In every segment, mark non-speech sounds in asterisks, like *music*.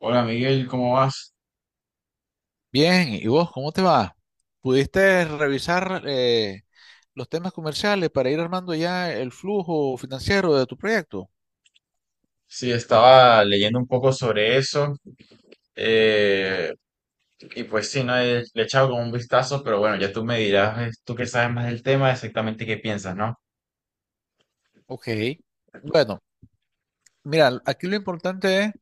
Hola Miguel, ¿cómo vas? Bien, ¿y vos cómo te va? ¿Pudiste revisar los temas comerciales para ir armando ya el flujo financiero de tu proyecto? Sí, estaba leyendo un poco sobre eso eh, y pues sí, no he- le he echado como un vistazo, pero bueno, ya tú me dirás, tú que sabes más del tema, exactamente qué piensas, ¿no? Ok. Bueno, mira, aquí lo importante es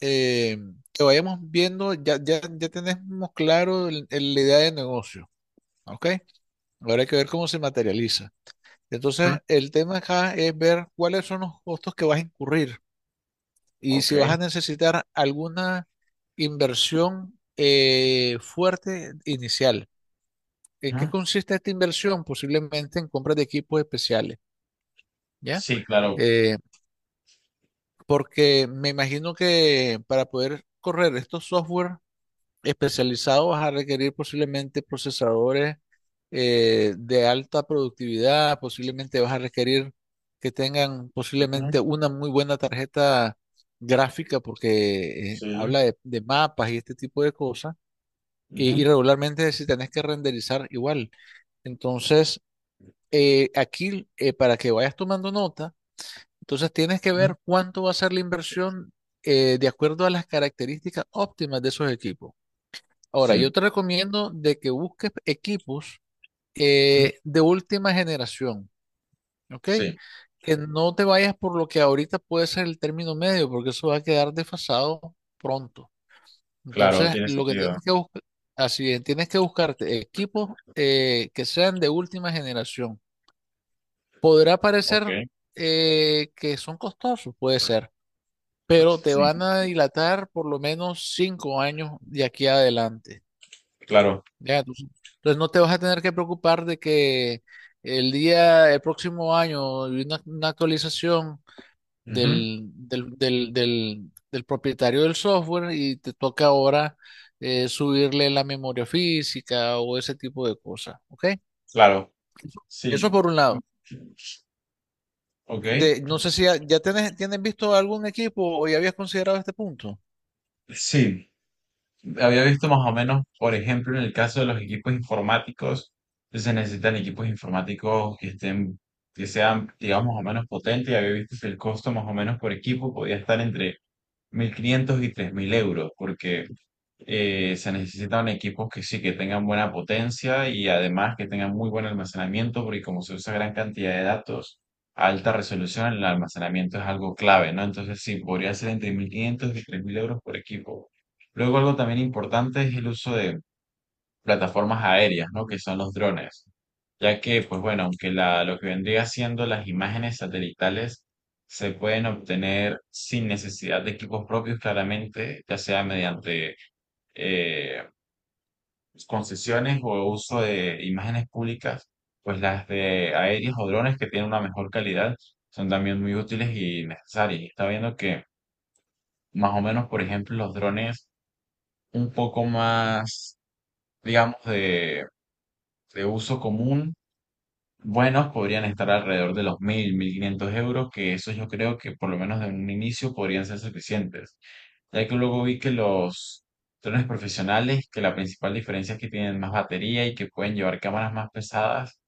eh, que vayamos viendo. Ya tenemos claro la idea de negocio, ¿ok? Ahora hay que ver cómo se materializa. Ujú. Entonces, el tema acá es ver cuáles son los costos que vas a incurrir. Y Ok. si vas a necesitar alguna inversión fuerte inicial, ¿en qué Ujú. consiste esta inversión? Posiblemente en compras de equipos especiales, ¿ya? Sí, claro. Eh, porque me imagino que para poder correr estos software especializados vas a requerir posiblemente procesadores de alta productividad, posiblemente vas a requerir que tengan Ujú. posiblemente una muy buena tarjeta gráfica porque Sí. habla de mapas y este tipo de cosas. Y Ujú. regularmente si tenés que renderizar igual. Entonces, aquí, para que vayas tomando nota, entonces tienes que Ujú. ver cuánto va a ser la inversión de acuerdo a las características óptimas de esos equipos. Ahora, Sí. yo te recomiendo de que busques equipos Ujú. De última generación, ¿ok? Sí, Que no te vayas por lo que ahorita puede ser el término medio, porque eso va a quedar desfasado pronto. claro, Entonces, tiene lo que sentido. tienes que buscar, así es, tienes que buscarte equipos que sean de última generación. Podrá parecer Ok. Que son costosos, puede ser, pero te van Sí, a dilatar por lo menos 5 años de aquí adelante. claro. Ya, tú- entonces no te vas a tener que preocupar de que el próximo año hay una actualización Ujú. del propietario del software y te toca ahora subirle la memoria física o ese tipo de cosas, ¿ok? Claro. Eso Sí. por un lado. Ok. No sé si ya tienes visto algún equipo o ya habías considerado este punto. Sí. Había visto más o menos, por ejemplo, en el caso de los equipos informáticos, se necesitan equipos informáticos que estén, que sean, digamos, más o menos potentes. Y había visto que el costo más o menos por equipo podía estar entre 1.500 y 3.000 euros, porque se necesitan equipos que sí, que tengan buena potencia y además que tengan muy buen almacenamiento, porque como se usa gran cantidad de datos, a alta resolución, el almacenamiento es algo clave, ¿no? Entonces sí, podría ser entre 1.500 y 3.000 euros por equipo. Luego algo también importante es el uso de plataformas aéreas, ¿no? Que son los drones, ya que, pues bueno, aunque la, lo que vendría siendo las imágenes satelitales se pueden obtener sin necesidad de equipos propios, claramente, ya sea mediante eh, concesiones o uso de imágenes públicas, pues las de aéreas o drones que tienen una mejor calidad son también muy útiles y necesarias. Y está viendo que más o menos, por ejemplo, los drones un poco más, digamos, de uso común, buenos, podrían estar alrededor de los 1.000, 1.500 euros, que eso yo creo que por lo menos de un inicio podrían ser suficientes. Ya que luego vi que los drones profesionales, que la principal diferencia es que tienen más batería y que pueden llevar cámaras más pesadas,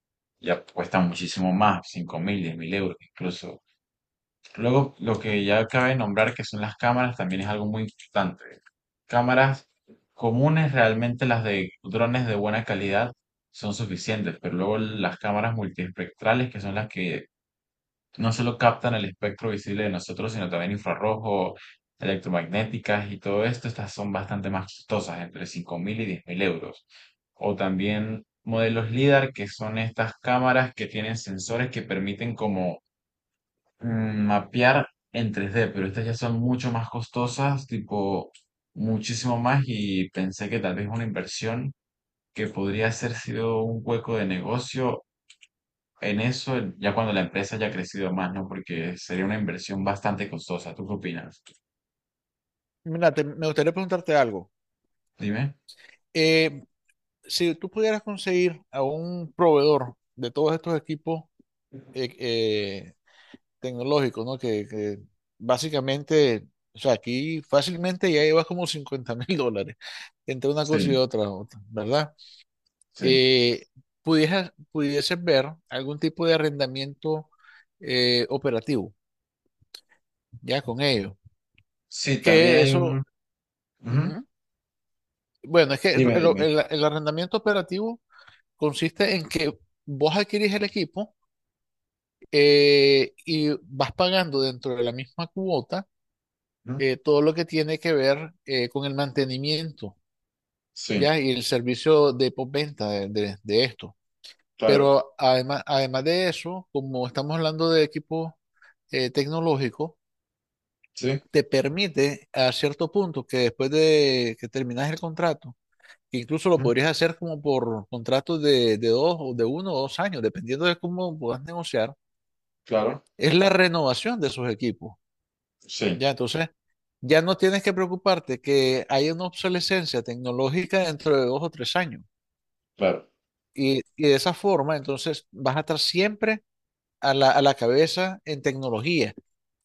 ya cuestan muchísimo más, 5.000, 10.000 euros incluso. Luego, lo que ya cabe nombrar que son las cámaras también es algo muy importante. Cámaras comunes, realmente las de drones de buena calidad son suficientes, pero luego las cámaras multiespectrales, que son las que no solo captan el espectro visible de nosotros, sino también infrarrojo, electromagnéticas y todo esto. Estas son bastante más costosas, entre 5.000 y 10.000 euros. O también modelos LIDAR, que son estas cámaras que tienen sensores que permiten como mapear en 3D, pero estas ya son mucho más costosas, tipo muchísimo más, y pensé que tal vez una inversión que podría haber sido un hueco de negocio en eso ya cuando la empresa ya ha crecido más, ¿no? Porque sería una inversión bastante costosa. ¿Tú qué opinas? Mira, me gustaría preguntarte algo. Dime. Eh, si tú pudieras conseguir a un proveedor de todos estos equipos, eh, eh, tecnológico, ¿no? Que básicamente, o sea, aquí fácilmente ya llevas como 50 *laughs* mil dólares entre una cosa y Sí, otra, ¿verdad? sí. Eh, pudieses ver algún tipo de arrendamiento operativo, ya con ello. Sí, también Que hay eso, un... Ujú. ujú. Bueno, es que el, Dime, el- dime. el- el arrendamiento operativo consiste en que vos adquirís el equipo y vas pagando dentro de la misma cuota Ujú. Todo lo que tiene que ver con el mantenimiento, Sí, ¿ya? Y el servicio de postventa de esto. claro. Pero además, además de eso, como estamos hablando de equipo tecnológico, Sí, te permite a cierto punto que después de que terminas el contrato, que incluso lo ujú, podrías hacer como por contratos de dos o de uno o dos años, dependiendo de cómo puedas negociar, claro. es la renovación de esos equipos. Sí, Ya, entonces, ya no tienes que preocuparte que hay una obsolescencia tecnológica dentro de 2 o 3 años. claro. Y de esa forma, entonces, vas a estar siempre a la cabeza en tecnología.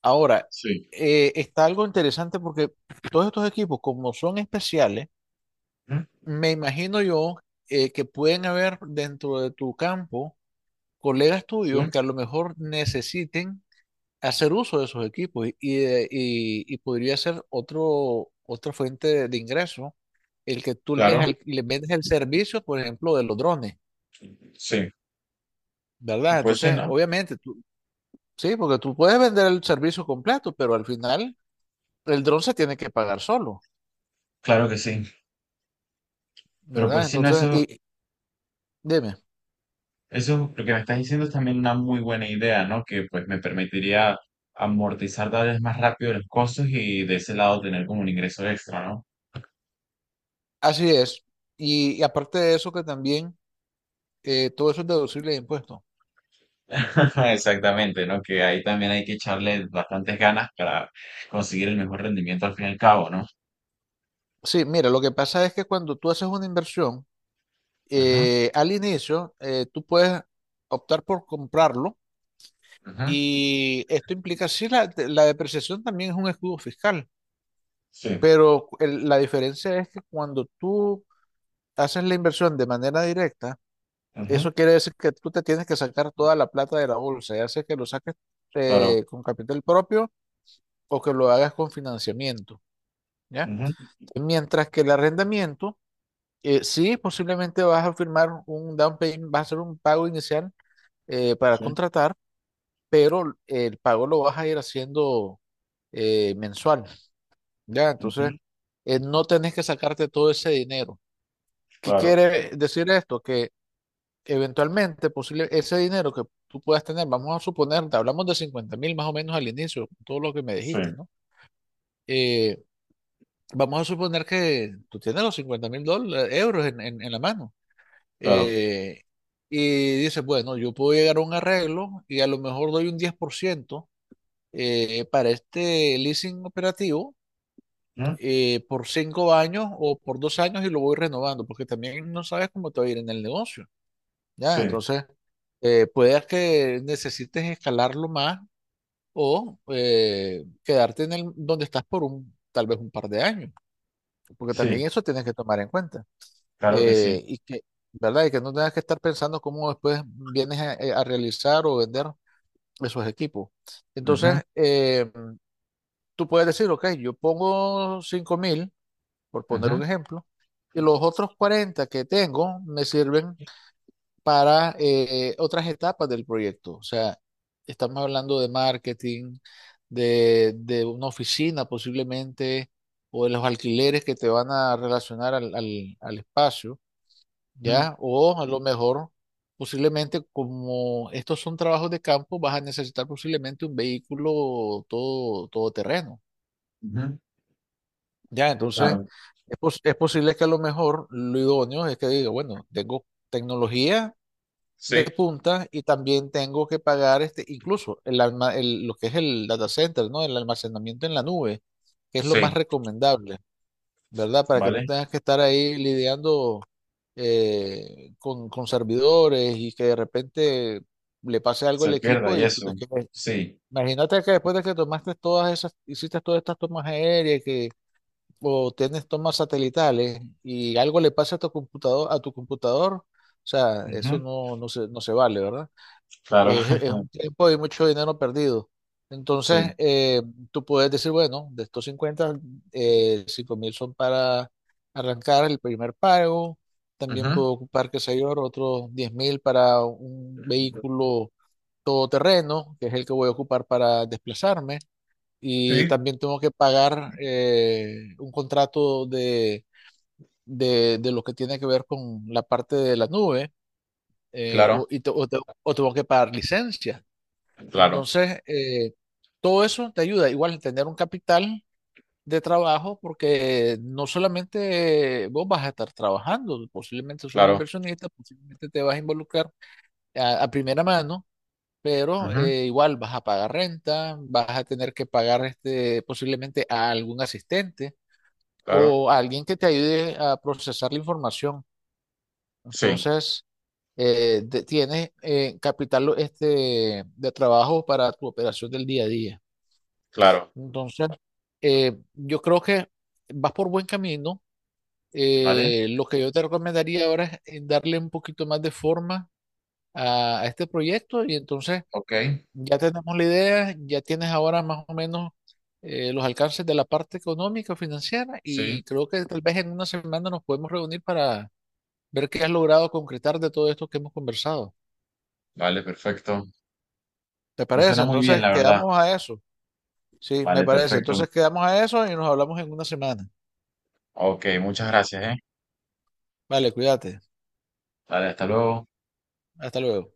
Ahora, Sí. Está algo interesante porque todos estos equipos, como son especiales, Ujú. me imagino yo que pueden haber dentro de tu campo colegas Sí, tuyos que a lo mejor necesiten hacer uso de esos equipos y podría ser otra fuente de ingreso, el que tú les, claro. al- les vendes el servicio, por ejemplo, de los drones, Sí. ¿verdad? Pues sí, Entonces, ¿no? obviamente, tú, sí, porque tú puedes vender el servicio completo, pero al final el dron se tiene que pagar solo, Claro que sí. Pero ¿verdad? pues sí, no, Entonces, eso, y dime, eso, lo que me estás diciendo es también una muy buena idea, ¿no? Que pues me permitiría amortizar tal vez más rápido los costos y de ese lado tener como un ingreso extra, ¿no? así es. Y aparte de eso, que también todo eso es deducible de impuestos. *laughs* Exactamente, ¿no? Que ahí también hay que echarle bastantes ganas para conseguir el mejor rendimiento al fin y al cabo, ¿no? Sí, mira, lo que pasa es que cuando tú haces una inversión, Ajá, al inicio, tú puedes optar por comprarlo ajá, y esto implica, sí, la depreciación también es un escudo fiscal, sí, pero la diferencia es que cuando tú haces la inversión de manera directa, ajá, eso quiere decir que tú te tienes que sacar toda la plata de la bolsa, ya sea que lo saques claro, con capital propio o que lo hagas con financiamiento, ¿ya? ajá, Mientras que el arrendamiento, sí, posiblemente vas a firmar un down payment, vas a hacer un pago inicial para sí, contratar, pero el pago lo vas a ir haciendo mensual, ¿ya? ajá, Entonces, no tenés que sacarte todo ese dinero. ¿Qué claro, quiere decir esto? Que eventualmente, posible, ese dinero que tú puedas tener, vamos a suponer, te hablamos de 50,000 más o menos al inicio, todo lo que me sí, dijiste, ¿no? Eh, vamos a suponer que tú tienes los 50,000 euros en la mano. claro, eh, y dices, bueno, yo puedo llegar a un arreglo y a lo mejor doy un 10% para este leasing operativo ajá, por 5 años o por 2 años y lo voy renovando, porque también no sabes cómo te va a ir en el negocio, ¿ya? sí, Entonces, puedes que necesites escalarlo más o quedarte en el, donde estás por tal vez un par de años, porque sí, también eso tienes que tomar en cuenta. claro que sí, Eh, y que, ¿Verdad? Y que no tengas que estar pensando cómo después vienes a realizar o vender esos equipos. ajá, Entonces, tú puedes decir, ok, yo pongo 5,000, por ajá, poner un ejemplo, y ajá, los otros 40 que tengo me sirven para otras etapas del proyecto. O sea, estamos hablando de marketing, de una oficina posiblemente, o de los alquileres que te van a relacionar al espacio, ¿ya? O a lo mejor, posiblemente, como estos son trabajos de campo, vas a necesitar posiblemente un vehículo todo, todo ajá, Ya, entonces claro, es, es posible que a lo mejor lo idóneo es que diga, bueno, tengo tecnología de sí, punta y también tengo que pagar este, incluso lo que es el data center, ¿no? El almacenamiento en la nube, que es lo más sí, recomendable, ¿verdad? Para que no ¿vale? tengas que estar ahí lidiando con servidores y que de repente le pase algo al Se pierda equipo y y tú te eso, quedes. sí, Imagínate que después de que tomaste todas esas, hiciste todas estas tomas aéreas o tienes tomas satelitales y algo le pasa a tu computador, o sea, eso ajá, no se vale, ¿verdad? claro, Es *laughs* un tiempo y mucho dinero perdido. Entonces, sí, tú puedes decir, bueno, de estos 50 5 mil son para arrancar el primer pago. También puedo ajá, ocupar, qué sé yo, otros 10,000 para un vehículo todoterreno, que es el que voy a ocupar para desplazarme, y sí, también tengo que pagar un contrato de lo que tiene que ver con la parte de la nube claro, o, y te- o te- o tengo que pagar licencia. claro, Entonces, todo eso te ayuda igual a tener un capital de trabajo porque no solamente vos vas a estar trabajando, posiblemente sos claro, inversionista, posiblemente te vas a involucrar a primera mano. Pero ajá, igual vas a pagar renta, vas a tener que pagar este, posiblemente a algún asistente, claro. o alguien que te ayude a procesar la información. Sí, Entonces, tienes capital este, de trabajo para tu operación del día a día. claro. Entonces, yo creo que vas por buen camino. Vale, Lo que yo te recomendaría ahora es darle un poquito más de forma a este proyecto y entonces ok. ya tenemos la idea, ya tienes ahora más o menos los alcances de la parte económica, financiera Sí, y creo que tal vez en una semana nos podemos reunir para ver qué has logrado concretar de todo esto que hemos conversado. vale, perfecto. ¿Te Me parece? suena muy bien, Entonces la verdad. quedamos a eso. Sí, me Vale, parece. perfecto. Entonces quedamos a eso y nos hablamos en una semana. Ok, muchas gracias, ¿eh? Vale, cuídate. Vale, hasta luego. Hasta luego.